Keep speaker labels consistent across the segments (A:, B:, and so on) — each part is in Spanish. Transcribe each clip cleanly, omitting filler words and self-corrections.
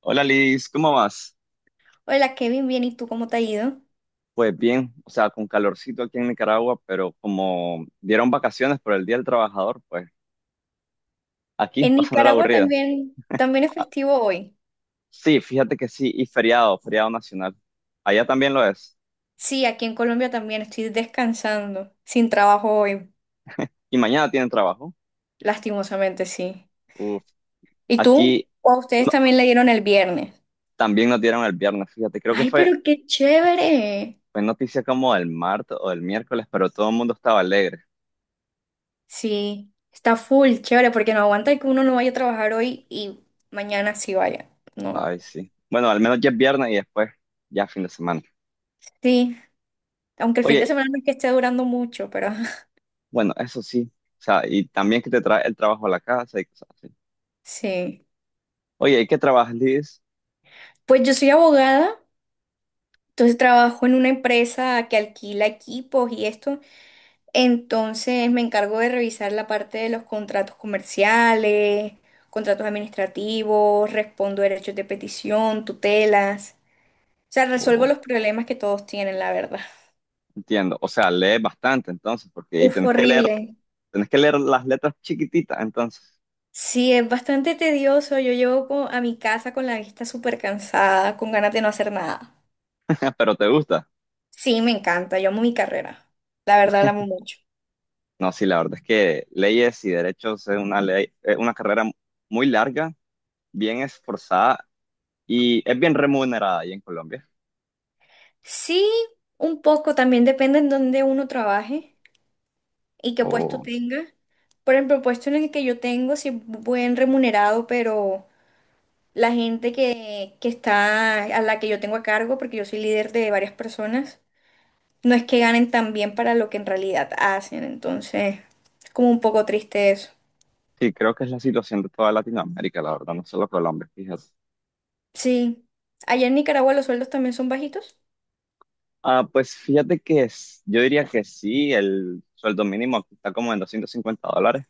A: Hola Liz, ¿cómo vas?
B: Hola Kevin, bien, ¿y tú cómo te ha ido?
A: Pues bien, o sea, con calorcito aquí en Nicaragua, pero como dieron vacaciones por el Día del Trabajador, pues aquí,
B: En
A: pasando la
B: Nicaragua
A: aburrida.
B: también es
A: Ah,
B: festivo hoy.
A: sí, fíjate que sí, y feriado, feriado nacional. Allá también lo es.
B: Sí, aquí en Colombia también estoy descansando, sin trabajo hoy,
A: Y mañana tienen trabajo.
B: lastimosamente sí.
A: Uf,
B: ¿Y tú?
A: aquí
B: ¿O a ustedes
A: no-
B: también le dieron el viernes?
A: también nos dieron el viernes, fíjate, creo que
B: Ay,
A: fue,
B: pero qué chévere.
A: fue noticia como el martes o el miércoles, pero todo el mundo estaba alegre.
B: Sí, está full, chévere, porque no aguanta que uno no vaya a trabajar hoy y mañana sí vaya. No.
A: Ay, sí. Bueno, al menos ya es viernes y después ya fin de semana.
B: Sí, aunque el fin de
A: Oye,
B: semana no es que esté durando mucho, pero
A: bueno, eso sí. O sea, y también que te trae el trabajo a la casa y cosas así.
B: sí.
A: Oye, ¿y qué trabajas, Liz?
B: Pues yo soy abogada. Entonces trabajo en una empresa que alquila equipos y esto. Entonces me encargo de revisar la parte de los contratos comerciales, contratos administrativos, respondo derechos de petición, tutelas. O sea, resuelvo
A: O-
B: los problemas que todos tienen, la verdad.
A: Entiendo. O sea, lees bastante entonces, porque ahí
B: Uf,
A: tenés que leer,
B: horrible.
A: tenés que leer las letras chiquititas entonces.
B: Sí, es bastante tedioso. A mi casa con la vista súper cansada, con ganas de no hacer nada.
A: Pero te gusta.
B: Sí, me encanta. Yo amo mi carrera. La verdad, la amo mucho.
A: No, sí, la verdad es que leyes y derechos es una ley, es una carrera muy larga, bien esforzada y es bien remunerada ahí en Colombia.
B: Sí, un poco, también depende en dónde uno trabaje y qué puesto
A: O
B: tenga. Por ejemplo, el puesto en el que yo tengo sí es buen remunerado, pero la gente que está, a la que yo tengo a cargo, porque yo soy líder de varias personas, no es que ganen tan bien para lo que en realidad hacen, entonces es como un poco triste eso.
A: sí, creo que es la situación de toda Latinoamérica, la verdad, no solo Colombia, fíjate.
B: Sí, allá en Nicaragua los sueldos también son bajitos.
A: Ah, pues fíjate que yo diría que sí, el sueldo mínimo aquí está como en 250 dólares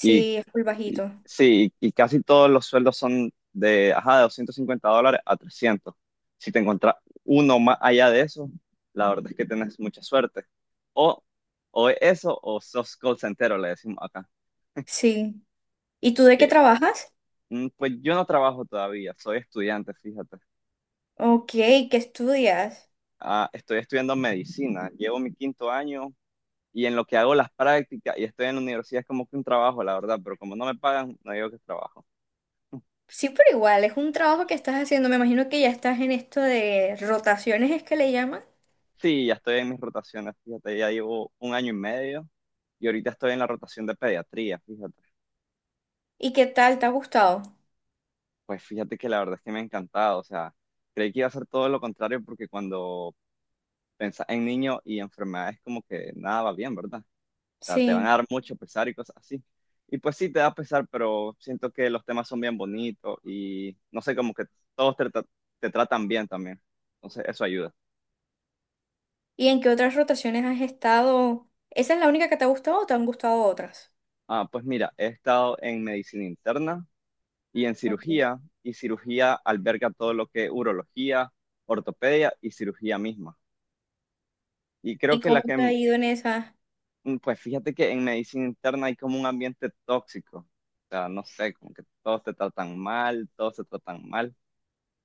A: y,
B: es muy
A: y-
B: bajito.
A: sí, y, casi todos los sueldos son ajá, de 250 dólares a 300. Si te encuentras uno más allá de eso, la verdad es que tenés mucha suerte. O, o es eso o sos call centero, le decimos acá.
B: Sí. ¿Y tú de qué
A: Que,
B: trabajas?
A: pues yo no trabajo todavía, soy estudiante, fíjate.
B: Ok, ¿qué estudias?
A: Ah, estoy estudiando medicina, llevo mi quinto año y en lo que hago las prácticas y estoy en la universidad es como que un trabajo, la verdad, pero como no me pagan, no digo que es trabajo.
B: Sí, pero igual, es un trabajo que estás haciendo. Me imagino que ya estás en esto de rotaciones, es que le llaman.
A: Sí, ya estoy en mis rotaciones, fíjate, ya llevo un año y medio y ahorita estoy en la rotación de pediatría, fíjate.
B: ¿Y qué tal? ¿Te ha gustado?
A: Pues fíjate que la verdad es que me ha encantado, o sea, creí que iba a ser todo lo contrario porque cuando pensás en niños y enfermedades como que nada va bien, ¿verdad? Sea, te
B: Sí.
A: van a dar mucho pesar y cosas así. Y pues sí, te da pesar, pero siento que los temas son bien bonitos y no sé, como que todos te tratan bien también. Entonces, eso ayuda.
B: ¿Y en qué otras rotaciones has estado? ¿Esa es la única que te ha gustado o te han gustado otras?
A: Ah, pues mira, he estado en medicina interna y en
B: Ok.
A: cirugía, y cirugía alberga todo lo que es urología, ortopedia y cirugía misma. Y creo
B: ¿Y
A: que la
B: cómo te
A: que,
B: ha ido en esa?
A: mm, pues fíjate que en medicina interna hay como un ambiente tóxico. O sea, no sé, como que todos te tratan mal, todos se tratan mal,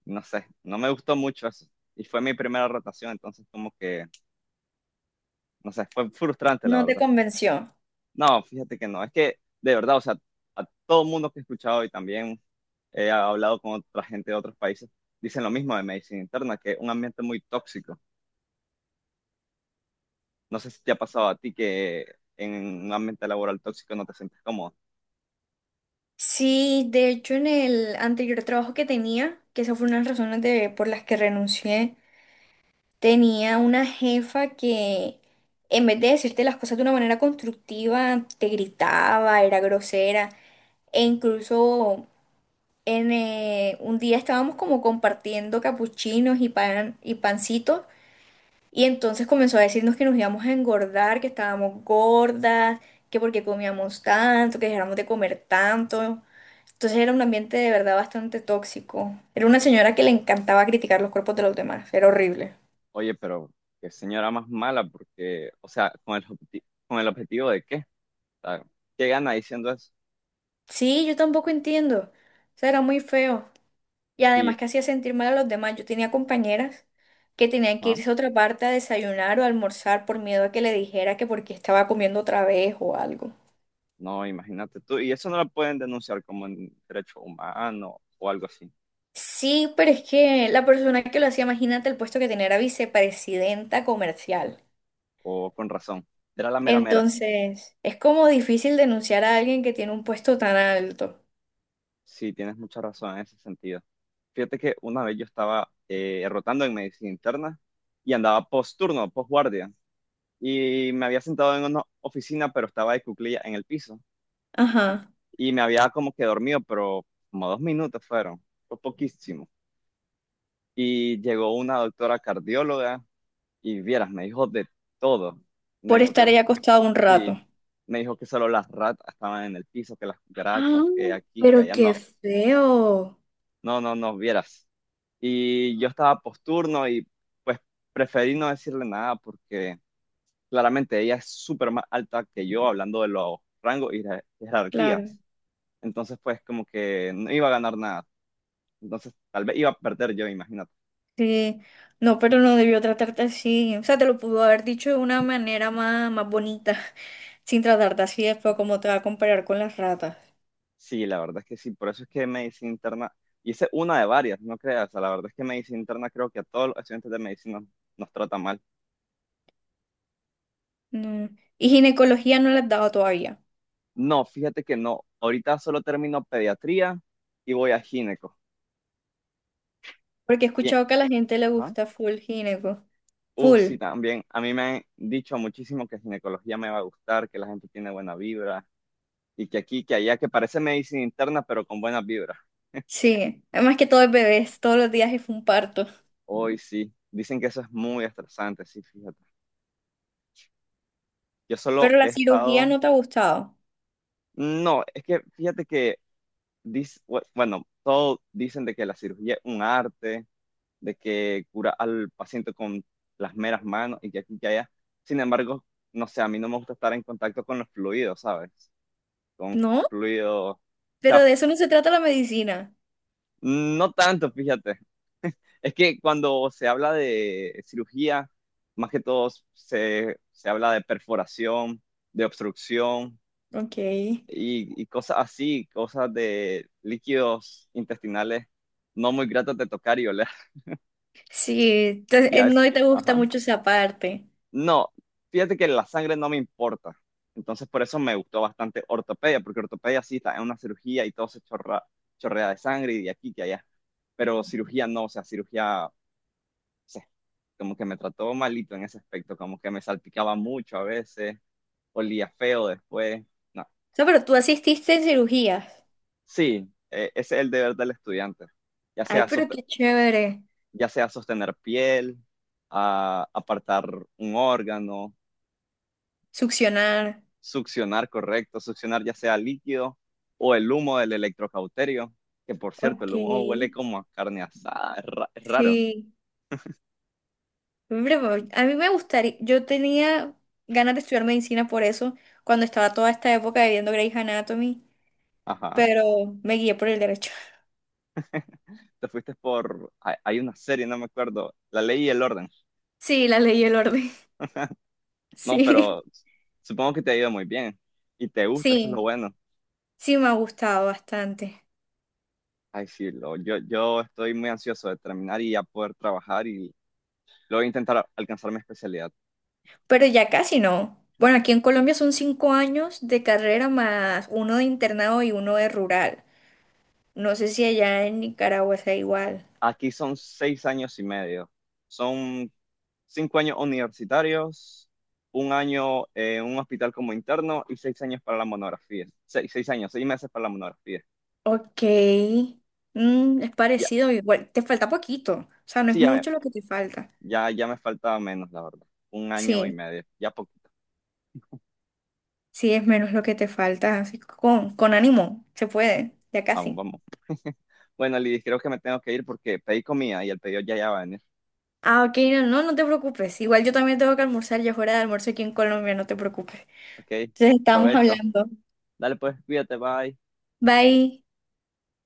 A: no sé, no me gustó mucho eso. Y fue mi primera rotación, entonces como que, no sé, fue frustrante la
B: ¿No te
A: verdad.
B: convenció?
A: No, fíjate que no, es que de verdad, o sea, a todo el mundo que he escuchado y también he hablado con otra gente de otros países, dicen lo mismo de medicina interna, que es un ambiente muy tóxico. No sé si te ha pasado a ti que en un ambiente laboral tóxico no te sientes cómodo.
B: Sí, de hecho, en el anterior trabajo que tenía, que esa fue una de las razones por las que renuncié, tenía una jefa que en vez de decirte las cosas de una manera constructiva, te gritaba, era grosera. E incluso en, un día estábamos como compartiendo capuchinos y pan y pancitos. Y entonces comenzó a decirnos que nos íbamos a engordar, que estábamos gordas, que porque comíamos tanto, que dejáramos de comer tanto. Entonces era un ambiente de verdad bastante tóxico. Era una señora que le encantaba criticar los cuerpos de los demás. Era horrible.
A: Oye, pero qué señora más mala, porque, o sea, con el objetivo de qué. O sea, ¿qué gana diciendo eso?
B: Sí, yo tampoco entiendo. O sea, era muy feo. Y
A: Sí,
B: además que hacía sentir mal a los demás. Yo tenía compañeras que tenían que
A: ajá.
B: irse a otra parte a desayunar o a almorzar por miedo a que le dijera que porque estaba comiendo otra vez o algo.
A: No, imagínate tú. Y eso no lo pueden denunciar como en derecho humano o algo así.
B: Sí, pero es que la persona que lo hacía, imagínate el puesto que tenía era vicepresidenta comercial.
A: O con razón. Era la mera mera.
B: Entonces, es como difícil denunciar a alguien que tiene un puesto tan alto.
A: Sí, tienes mucha razón en ese sentido. Fíjate que una vez yo estaba rotando en medicina interna y andaba post turno, post guardia. Y me había sentado en una oficina, pero estaba de cuclilla en el piso.
B: Ajá,
A: Y me había como que dormido, pero como 2 minutos fueron. Fue poquísimo. Y llegó una doctora cardióloga y vieras, me dijo de todo. Me
B: por
A: dijo que
B: estar ahí
A: las
B: acostado un rato.
A: Sí, me dijo que solo las ratas estaban en el piso, que las
B: Ah,
A: cucarachas, que aquí, que
B: pero
A: allá
B: qué
A: no,
B: feo.
A: no, no, no vieras. Y yo estaba posturno y pues preferí no decirle nada porque claramente ella es súper más alta que yo hablando de los rangos y jerarquías.
B: Claro.
A: Entonces pues como que no iba a ganar nada. Entonces tal vez iba a perder yo, imagínate.
B: Sí, no, pero no debió tratarte así. O sea, te lo pudo haber dicho de una manera más, más bonita, sin tratarte así después como te va a comparar con las ratas.
A: Sí, la verdad es que sí, por eso es que medicina interna, y esa es una de varias, no creas, o sea, la verdad es que medicina interna creo que a todos los estudiantes de medicina nos trata mal.
B: No. Y ginecología no la has dado todavía,
A: No, fíjate que no. Ahorita solo termino pediatría y voy a gineco.
B: porque he
A: Bien.
B: escuchado que a la gente le
A: Ajá.
B: gusta full gineco. Full,
A: Sí, también. A mí me han dicho muchísimo que ginecología me va a gustar, que la gente tiene buena vibra y que aquí, que allá, que parece medicina interna, pero con buenas vibras.
B: sí. Además que todo es bebés, todos los días es un parto.
A: Hoy sí. Dicen que eso es muy estresante, sí, fíjate. Yo solo
B: Pero
A: he
B: la cirugía
A: estado...
B: no te ha gustado,
A: No, es que fíjate que, dis- bueno, todo dicen de que la cirugía es un arte de que cura al paciente con las meras manos y que aquí y que allá. Sin embargo, no sé, a mí no me gusta estar en contacto con los fluidos, ¿sabes? Con
B: ¿no?
A: fluidos, o sea,
B: Pero de eso no se trata la medicina.
A: no tanto, fíjate. Es que cuando se habla de cirugía, más que todo se habla de perforación, de obstrucción
B: Ok.
A: y cosas así, cosas de líquidos intestinales no muy gratos de tocar y oler.
B: Sí,
A: Ya es,
B: no te gusta
A: ajá.
B: mucho esa parte.
A: No, fíjate que la sangre no me importa. Entonces por eso me gustó bastante ortopedia, porque ortopedia sí está en una cirugía y todo se chorrea de sangre y de aquí que allá. Pero cirugía no, o sea, cirugía, o sea, como que me trató malito en ese aspecto, como que me salpicaba mucho a veces, olía feo después. No.
B: O sea, pero tú asististe en cirugías.
A: Sí, ese es el deber del estudiante, ya
B: Ay,
A: sea,
B: pero
A: sost-
B: qué chévere.
A: ya sea sostener piel, apartar un órgano.
B: Succionar.
A: Succionar, correcto. Succionar ya sea líquido o el humo del electrocauterio, que por cierto,
B: Ok.
A: el humo huele como a carne asada, es raro.
B: Sí. Hombre, pues, a mí me gustaría. Yo tenía ganas de estudiar medicina por eso, cuando estaba toda esta época de viendo Grey's Anatomy,
A: Ajá.
B: pero me guié por el derecho.
A: Te fuiste por... Hay una serie, no me acuerdo. La ley y el orden.
B: Sí, la ley y el orden.
A: No,
B: Sí.
A: pero supongo que te ha ido muy bien y te gusta, eso es lo
B: Sí.
A: bueno.
B: Sí, me ha gustado bastante.
A: Ay, sí, yo estoy muy ansioso de terminar y ya poder trabajar y luego intentar alcanzar mi especialidad.
B: Pero ya casi no. Bueno, aquí en Colombia son 5 años de carrera más uno de internado y uno de rural. No sé si allá en Nicaragua sea igual.
A: Aquí son 6 años y medio. Son 5 años universitarios, un año en un hospital como interno y 6 años para la monografía. Seis años, 6 meses para la monografía.
B: Ok. Mm, es
A: Ya,
B: parecido. Igual, te falta poquito. O sea, no
A: sí,
B: es
A: ya me,
B: mucho lo que te falta.
A: ya, ya me falta menos, la verdad. Un año y
B: Sí,
A: medio, ya poquito.
B: sí, es menos lo que te falta. Así que con ánimo, se puede, ya
A: Vamos,
B: casi.
A: vamos. Bueno, Lidis, creo que me tengo que ir porque pedí comida y el pedido ya va a venir.
B: Ah, ok, no, no, no te preocupes. Igual yo también tengo que almorzar, ya es hora de almuerzo aquí en Colombia, no te preocupes.
A: Ok,
B: Entonces estamos
A: provecho.
B: hablando.
A: Dale pues, cuídate, bye.
B: Bye.